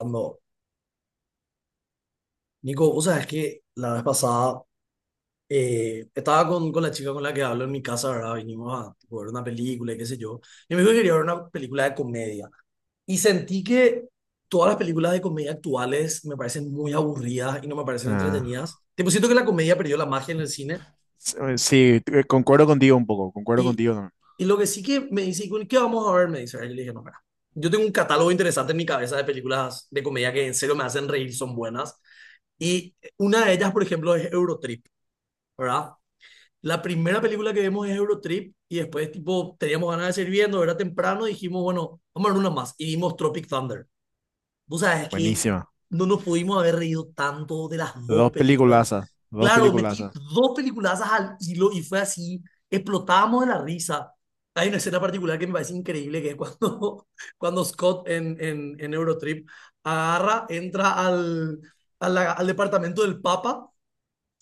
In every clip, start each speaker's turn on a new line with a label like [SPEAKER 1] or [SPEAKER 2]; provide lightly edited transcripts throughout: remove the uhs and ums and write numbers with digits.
[SPEAKER 1] Ando. Nico, vos sabés que la vez pasada estaba con la chica con la que hablo en mi casa, ¿verdad? Vinimos a tipo, ver una película y qué sé yo. Y me dijo que quería ver una película de comedia. Y sentí que todas las películas de comedia actuales me parecen muy aburridas y no me parecen
[SPEAKER 2] Ah,
[SPEAKER 1] entretenidas. Tipo, siento que la comedia perdió la magia en el cine.
[SPEAKER 2] sí, concuerdo contigo un poco, concuerdo
[SPEAKER 1] Y,
[SPEAKER 2] contigo también.
[SPEAKER 1] y lo que sí que me dice, "¿Y ¿qué vamos a ver? Me dice, y yo le dije, no, mira, yo tengo un catálogo interesante en mi cabeza de películas de comedia que en serio me hacen reír, son buenas. Y una de ellas, por ejemplo, es Eurotrip. ¿Verdad? La primera película que vemos es Eurotrip y después, tipo, teníamos ganas de seguir viendo, era temprano, y dijimos, bueno, vamos a ver una más y vimos Tropic Thunder. Vos sabés que
[SPEAKER 2] Buenísima.
[SPEAKER 1] no nos pudimos haber reído tanto de las dos
[SPEAKER 2] Dos
[SPEAKER 1] películas.
[SPEAKER 2] peliculazas, dos
[SPEAKER 1] Claro, metí
[SPEAKER 2] peliculazas.
[SPEAKER 1] dos peliculazas al hilo y fue así, explotábamos de la risa. Hay una escena particular que me parece increíble, que es cuando, cuando Scott en Eurotrip agarra, entra a la- al departamento del Papa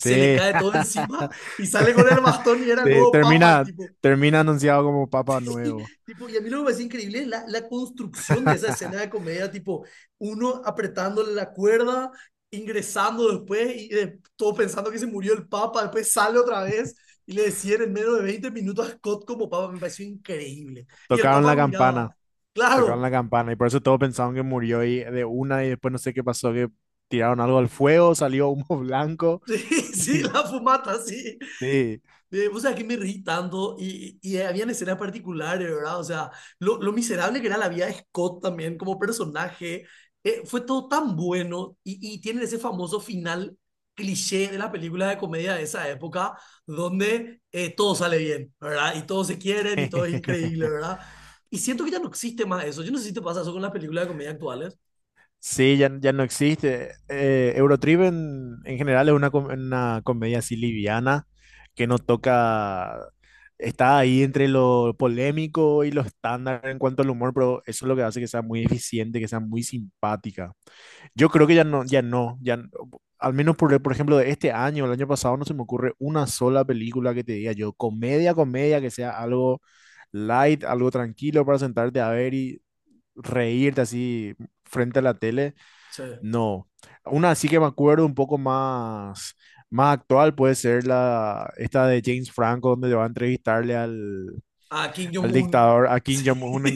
[SPEAKER 1] se le cae todo encima y sale con el bastón y era el
[SPEAKER 2] Sí,
[SPEAKER 1] nuevo papa el tipo.
[SPEAKER 2] termina anunciado como Papa Nuevo.
[SPEAKER 1] Tipo y a mí lo que me parece increíble es la construcción de esa escena de comedia, tipo uno apretándole la cuerda, ingresando después y todo pensando que se murió el papa, después sale otra vez y le decían en menos de 20 minutos a Scott como papa, me pareció increíble. Y el
[SPEAKER 2] Tocaron
[SPEAKER 1] papa
[SPEAKER 2] la
[SPEAKER 1] miraba,
[SPEAKER 2] campana, tocaron
[SPEAKER 1] claro,
[SPEAKER 2] la campana y por eso todos pensaban que murió y de una y después no sé qué pasó, que tiraron algo al fuego, salió humo blanco
[SPEAKER 1] sí, sí,
[SPEAKER 2] y
[SPEAKER 1] la fumata, sí.
[SPEAKER 2] sí.
[SPEAKER 1] Vos sabés que me reí tanto y habían escenas particulares, ¿verdad? O sea, lo miserable que era la vida de Scott también como personaje, fue todo tan bueno y tienen ese famoso final cliché de la película de comedia de esa época, donde todo sale bien, ¿verdad? Y todos se quieren y todo es increíble, ¿verdad? Y siento que ya no existe más eso. Yo no sé si te pasa eso con las películas de comedia actuales.
[SPEAKER 2] Sí, ya, ya no existe. Eurotrip en general es una comedia así liviana que no toca, está ahí entre lo polémico y lo estándar en cuanto al humor, pero eso es lo que hace que sea muy eficiente, que sea muy simpática. Yo creo que ya no, ya no, ya, n- al menos por ejemplo de este año, el año pasado, no se me ocurre una sola película que te diga yo, comedia, comedia, que sea algo light, algo tranquilo para sentarte a ver y reírte así frente a la tele.
[SPEAKER 1] Sí.
[SPEAKER 2] No, una sí que me acuerdo un poco más, más actual puede ser esta de James Franco, donde le va a entrevistarle
[SPEAKER 1] A Kim
[SPEAKER 2] al
[SPEAKER 1] Jong-un.
[SPEAKER 2] dictador, a Kim
[SPEAKER 1] Sí.
[SPEAKER 2] Jong-un en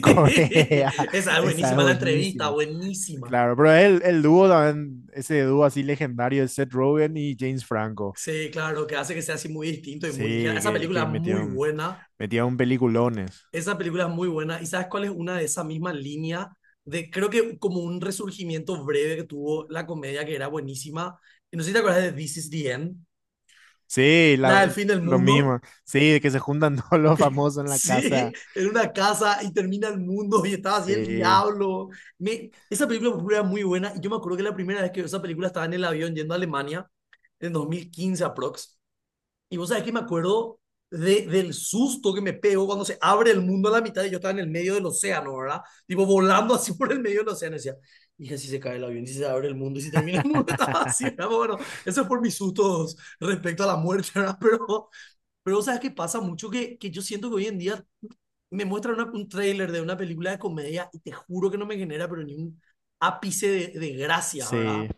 [SPEAKER 2] Corea.
[SPEAKER 1] Esa es ah,
[SPEAKER 2] Esa es
[SPEAKER 1] buenísima la entrevista,
[SPEAKER 2] buenísima.
[SPEAKER 1] buenísima.
[SPEAKER 2] Claro, pero el dúo también, ese dúo así legendario de Seth Rogen y James Franco.
[SPEAKER 1] Sí, claro, que hace que sea así muy distinto y muy ligera.
[SPEAKER 2] Sí,
[SPEAKER 1] Esa película es muy buena,
[SPEAKER 2] metieron peliculones.
[SPEAKER 1] esa película es muy buena. ¿Y sabes cuál es una de esa misma línea de, creo que como un resurgimiento breve que tuvo la comedia que era buenísima? Y no sé si te acuerdas de This is the End,
[SPEAKER 2] Sí,
[SPEAKER 1] la del
[SPEAKER 2] la-
[SPEAKER 1] fin del
[SPEAKER 2] lo
[SPEAKER 1] mundo.
[SPEAKER 2] mismo. Sí, que se juntan todos los famosos en la
[SPEAKER 1] Sí,
[SPEAKER 2] casa.
[SPEAKER 1] en una casa y termina el mundo y estaba así el
[SPEAKER 2] Sí,
[SPEAKER 1] diablo. Me, esa película por ejemplo, era muy buena y yo me acuerdo que la primera vez que vi esa película estaba en el avión yendo a Alemania en 2015 aprox. Y vos sabés que me acuerdo de, del susto que me pegó cuando se abre el mundo a la mitad y yo estaba en el medio del océano, ¿verdad? Tipo volando así por el medio del océano. Y decía, hija, si se cae el avión, si se abre el mundo, y si termina el mundo, estaba así, ¿verdad? Bueno, eso es por mis sustos respecto a la muerte, ¿verdad? Pero ¿sabes qué pasa mucho? Que yo siento que hoy en día me muestra una- un tráiler de una película de comedia y te juro que no me genera, pero ni un ápice de gracia, ¿verdad?
[SPEAKER 2] sí.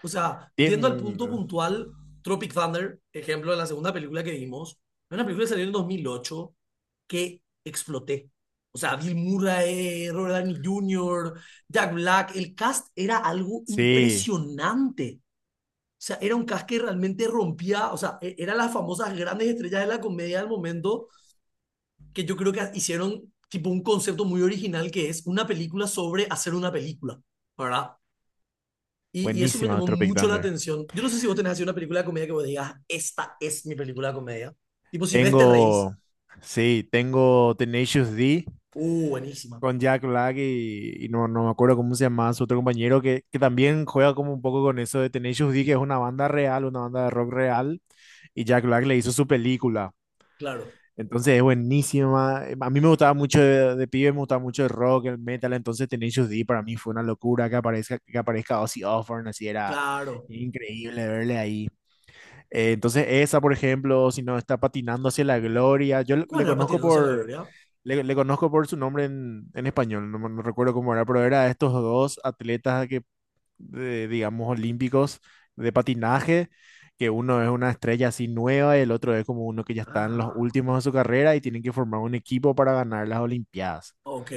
[SPEAKER 1] O sea, yendo al punto
[SPEAKER 2] Bien,
[SPEAKER 1] puntual, Tropic Thunder, ejemplo de la segunda película que vimos, es una película que salió en 2008 que exploté. O sea, Bill Murray, Robert Downey Jr., Jack Black, el cast era algo
[SPEAKER 2] sí,
[SPEAKER 1] impresionante. O sea, era un cast que realmente rompía, o sea, e- eran las famosas grandes estrellas de la comedia del momento que yo creo que hicieron tipo un concepto muy original que es una película sobre hacer una película, ¿verdad? Y eso me
[SPEAKER 2] buenísima
[SPEAKER 1] llamó
[SPEAKER 2] Tropic
[SPEAKER 1] mucho la
[SPEAKER 2] Thunder.
[SPEAKER 1] atención. Yo no sé si vos tenés así una película de comedia que vos digas, esta es mi película de comedia. Tipo, si ves te reís,
[SPEAKER 2] Tengo, sí, tengo Tenacious D
[SPEAKER 1] buenísima,
[SPEAKER 2] con Jack Black y, no me acuerdo cómo se llama su otro compañero que también juega como un poco con eso de Tenacious D, que es una banda real, una banda de rock real, y Jack Black le hizo su película.
[SPEAKER 1] claro,
[SPEAKER 2] Entonces es buenísima. A mí me gustaba mucho de pibe, me gustaba mucho el rock, el metal, entonces Tenacious D para mí fue una locura que aparezca Ozzy Osbourne, así era
[SPEAKER 1] claro.
[SPEAKER 2] increíble verle ahí. Entonces esa, por ejemplo, si no está patinando hacia la gloria,
[SPEAKER 1] ¿Cuál
[SPEAKER 2] le
[SPEAKER 1] era
[SPEAKER 2] conozco
[SPEAKER 1] Patinándose a la
[SPEAKER 2] por,
[SPEAKER 1] Gloria?
[SPEAKER 2] le conozco por su nombre en español, no, no recuerdo cómo era, pero era estos dos atletas que, digamos, olímpicos de patinaje, que uno es una estrella así nueva y el otro es como uno que ya está en los
[SPEAKER 1] Ah,
[SPEAKER 2] últimos de su carrera y tienen que formar un equipo para ganar las Olimpiadas.
[SPEAKER 1] ok,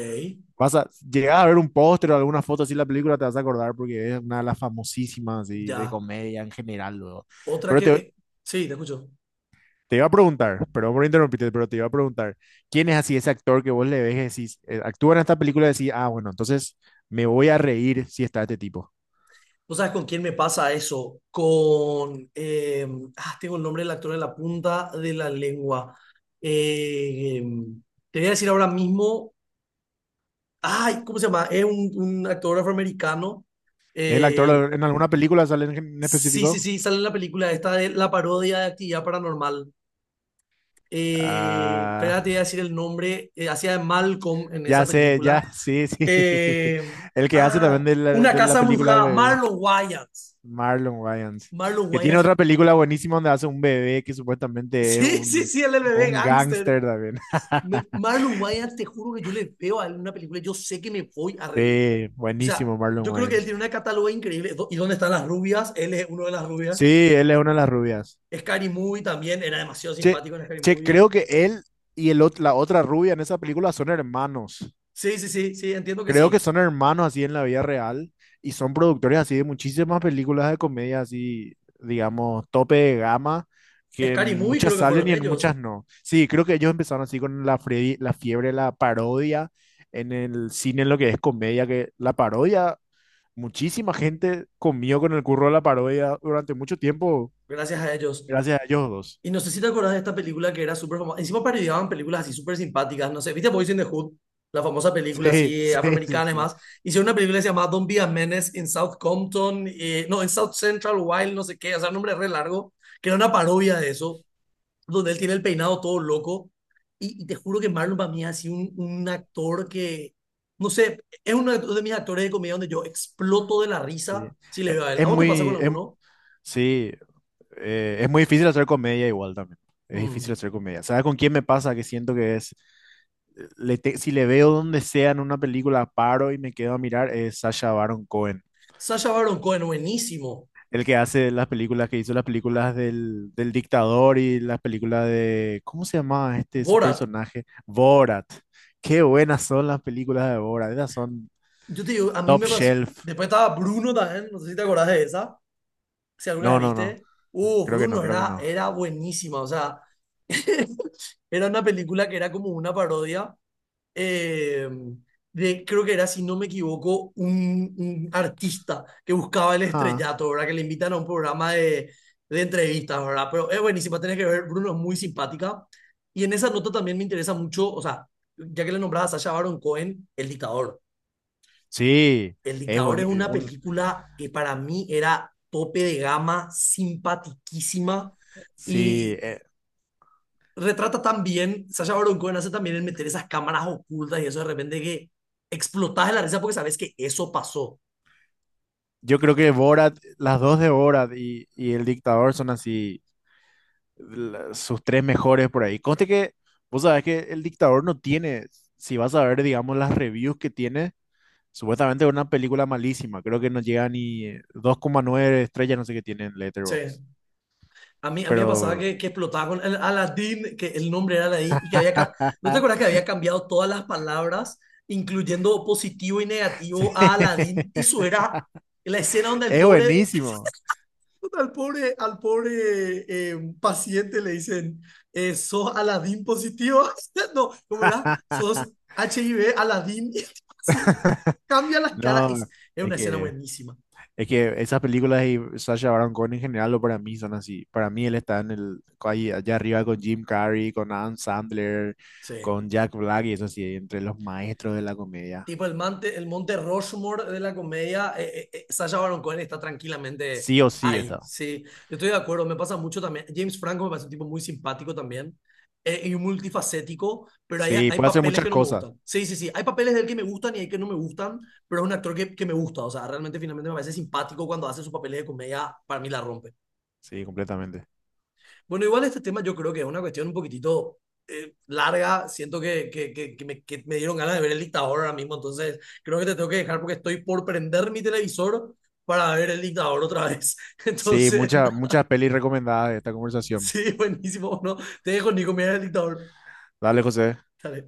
[SPEAKER 2] Llegas a ver un póster o alguna foto así de la película, te vas a acordar porque es una de las famosísimas así, de
[SPEAKER 1] ya.
[SPEAKER 2] comedia en general luego.
[SPEAKER 1] Otra
[SPEAKER 2] Pero
[SPEAKER 1] que...
[SPEAKER 2] te,
[SPEAKER 1] sí, te escucho.
[SPEAKER 2] Te iba a preguntar, perdón por interrumpirte, pero te iba a preguntar, ¿quién es así ese actor que vos le ves y decís, actúa en esta película y decís, ah, bueno, entonces me voy a reír si está este tipo?
[SPEAKER 1] ¿Vos sabés con quién me pasa eso? Con... ah, tengo el nombre del actor en la punta de la lengua. Eh, te voy a decir ahora mismo... Ay, ¿cómo se llama? Es un actor afroamericano.
[SPEAKER 2] ¿Es el
[SPEAKER 1] Eh,
[SPEAKER 2] actor en alguna película sale en
[SPEAKER 1] sí, sí,
[SPEAKER 2] específico?
[SPEAKER 1] sí, sale en la película esta de la parodia de Actividad Paranormal.
[SPEAKER 2] Ah,
[SPEAKER 1] Espera, te voy a decir el nombre. Hacía de Malcolm en esa
[SPEAKER 2] ya sé,
[SPEAKER 1] película.
[SPEAKER 2] ya, sí, sí.
[SPEAKER 1] Eh,
[SPEAKER 2] El que hace
[SPEAKER 1] ah,
[SPEAKER 2] también
[SPEAKER 1] Una
[SPEAKER 2] de la
[SPEAKER 1] casa
[SPEAKER 2] película del
[SPEAKER 1] embrujada.
[SPEAKER 2] bebé,
[SPEAKER 1] Marlon Wayans.
[SPEAKER 2] Marlon Wayans,
[SPEAKER 1] Marlon
[SPEAKER 2] que tiene
[SPEAKER 1] Wayans.
[SPEAKER 2] otra película buenísima donde hace un bebé que supuestamente es
[SPEAKER 1] Sí, sí, sí, él es el bebé
[SPEAKER 2] un
[SPEAKER 1] gángster.
[SPEAKER 2] gángster también.
[SPEAKER 1] Me- Marlon Wayans, te juro que yo le veo a él en una película, yo sé que me voy a reír.
[SPEAKER 2] Sí,
[SPEAKER 1] O sea,
[SPEAKER 2] buenísimo Marlon
[SPEAKER 1] yo creo que él
[SPEAKER 2] Wayans.
[SPEAKER 1] tiene una catálogo increíble. Do- ¿Y dónde están las rubias? Él es uno de las rubias.
[SPEAKER 2] Sí, él es una de las rubias.
[SPEAKER 1] Scary Movie también, era demasiado
[SPEAKER 2] Che,
[SPEAKER 1] simpático en Scary
[SPEAKER 2] che,
[SPEAKER 1] Movie.
[SPEAKER 2] creo que él y la otra rubia en esa película son hermanos.
[SPEAKER 1] Sí, sí, sí, sí, entiendo que
[SPEAKER 2] Creo que
[SPEAKER 1] sí.
[SPEAKER 2] son hermanos así en la vida real y son productores así de muchísimas películas de comedia así, digamos, tope de gama, que en
[SPEAKER 1] Scary Movie
[SPEAKER 2] muchas
[SPEAKER 1] creo que
[SPEAKER 2] salen
[SPEAKER 1] fueron
[SPEAKER 2] y en muchas
[SPEAKER 1] ellos,
[SPEAKER 2] no. Sí, creo que ellos empezaron así con la fiebre de la parodia en el cine, en lo que es comedia, que la parodia, muchísima gente comió con el curro de la parodia durante mucho tiempo,
[SPEAKER 1] gracias a ellos.
[SPEAKER 2] gracias a ellos dos.
[SPEAKER 1] Y no sé si te acordás de esta película que era súper famosa. Encima parodiaban películas así súper simpáticas. No sé, ¿viste Boys in the Hood? La famosa
[SPEAKER 2] Sí,
[SPEAKER 1] película así
[SPEAKER 2] sí, sí,
[SPEAKER 1] afroamericana y
[SPEAKER 2] sí.
[SPEAKER 1] más. Hicieron una película que se llamaba Don't Be a Menace in South Compton. Eh, no, en South Central Wild, no sé qué. O sea, un nombre re largo. Que era una parodia de eso. Donde él tiene el peinado todo loco. Y te juro que Marlon para mí ha sido un actor que... No sé, es uno de mis actores de comedia donde yo exploto de la
[SPEAKER 2] Sí.
[SPEAKER 1] risa si le
[SPEAKER 2] E-
[SPEAKER 1] veo a él.
[SPEAKER 2] Es,
[SPEAKER 1] ¿A vos te pasa con
[SPEAKER 2] muy, em-
[SPEAKER 1] alguno?
[SPEAKER 2] sí, es muy difícil hacer comedia igual también. Es
[SPEAKER 1] Mm.
[SPEAKER 2] difícil hacer comedia. ¿Sabes con quién me pasa? Que siento que es, le te- Si le veo donde sea en una película, paro y me quedo a mirar, es Sacha Baron Cohen.
[SPEAKER 1] Sacha Baron Cohen, buenísimo.
[SPEAKER 2] El que hace las películas, que hizo las películas del dictador y las películas de, ¿cómo se llamaba este su
[SPEAKER 1] Borat,
[SPEAKER 2] personaje? Borat. Qué buenas son las películas de Borat. Esas son
[SPEAKER 1] yo te digo, a mí
[SPEAKER 2] top
[SPEAKER 1] me pasó.
[SPEAKER 2] shelf.
[SPEAKER 1] Después estaba Bruno también, no sé si te acordás de esa, si alguna vez
[SPEAKER 2] No, no, no.
[SPEAKER 1] viste.
[SPEAKER 2] Creo que no,
[SPEAKER 1] Bruno
[SPEAKER 2] creo que no.
[SPEAKER 1] era buenísima, o sea, era una película que era como una parodia eh, de, creo que era, si no me equivoco, un artista que buscaba el
[SPEAKER 2] Ja.
[SPEAKER 1] estrellato, ¿verdad? Que le invitan a un programa de entrevistas, ¿verdad? Pero es buenísima, tenés que ver, Bruno es muy simpática. Y en esa nota también me interesa mucho, o sea, ya que le nombraba a Sacha Baron Cohen, el dictador.
[SPEAKER 2] Sí,
[SPEAKER 1] El
[SPEAKER 2] es
[SPEAKER 1] dictador es
[SPEAKER 2] bonito.
[SPEAKER 1] una película que para mí era tope de gama, simpatiquísima
[SPEAKER 2] Sí,
[SPEAKER 1] y retrata también, Sasha Baron Cohen hace también el meter esas cámaras ocultas y eso de repente que explotás de la risa porque sabes que eso pasó.
[SPEAKER 2] yo creo que Borat, las dos de Borat y El Dictador son así, sus tres mejores por ahí. Conste que, vos sabés que El Dictador no tiene, si vas a ver, digamos, las reviews que tiene, supuestamente es una película malísima. Creo que no llega ni 2,9 estrellas, no sé qué tiene en
[SPEAKER 1] Sí,
[SPEAKER 2] Letterboxd.
[SPEAKER 1] a mí me pasaba
[SPEAKER 2] Pero
[SPEAKER 1] que explotaba con el Aladdin, que el nombre era Aladdin, y que había, ca- ¿no te acuerdas que había cambiado todas las palabras, incluyendo positivo y
[SPEAKER 2] sí,
[SPEAKER 1] negativo a Aladdin? Eso era la escena donde el
[SPEAKER 2] es
[SPEAKER 1] pobre
[SPEAKER 2] buenísimo.
[SPEAKER 1] Al pobre, al pobre paciente le dicen, sos Aladín positivo. No, ¿cómo era? Sos HIV Aladín. Sí, cambia las caras.
[SPEAKER 2] No,
[SPEAKER 1] Es
[SPEAKER 2] es
[SPEAKER 1] una escena
[SPEAKER 2] que...
[SPEAKER 1] buenísima.
[SPEAKER 2] Es que esas películas y Sacha Baron Cohen en general, lo para mí son así. Para mí él está en el, ahí, allá arriba con Jim Carrey, con Adam Sandler,
[SPEAKER 1] Sí.
[SPEAKER 2] con Jack Black y eso sí, entre los maestros de la comedia.
[SPEAKER 1] Tipo el Monte Rushmore de la comedia, Sacha Baron Cohen está tranquilamente
[SPEAKER 2] Sí o sí
[SPEAKER 1] ahí,
[SPEAKER 2] está.
[SPEAKER 1] sí. Estoy de acuerdo, me pasa mucho también. James Franco me parece un tipo muy simpático también y multifacético, pero hay,
[SPEAKER 2] Sí,
[SPEAKER 1] hay
[SPEAKER 2] puede hacer
[SPEAKER 1] papeles que
[SPEAKER 2] muchas
[SPEAKER 1] no me
[SPEAKER 2] cosas.
[SPEAKER 1] gustan. Sí, sí, sí, hay papeles de él que me gustan y hay que no me gustan, pero es un actor que me gusta, o sea, realmente finalmente me parece simpático cuando hace sus papeles de comedia, para mí la rompe.
[SPEAKER 2] Sí, completamente.
[SPEAKER 1] Bueno, igual este tema yo creo que es una cuestión un poquitito larga. Siento que me dieron ganas de ver el dictador ahora mismo, entonces creo que te tengo que dejar porque estoy por prender mi televisor para ver el dictador otra vez.
[SPEAKER 2] Sí,
[SPEAKER 1] Entonces,
[SPEAKER 2] muchas muchas pelis recomendadas de esta conversación.
[SPEAKER 1] sí, buenísimo. No, te dejo, Nico, mira el dictador.
[SPEAKER 2] Dale, José.
[SPEAKER 1] Dale.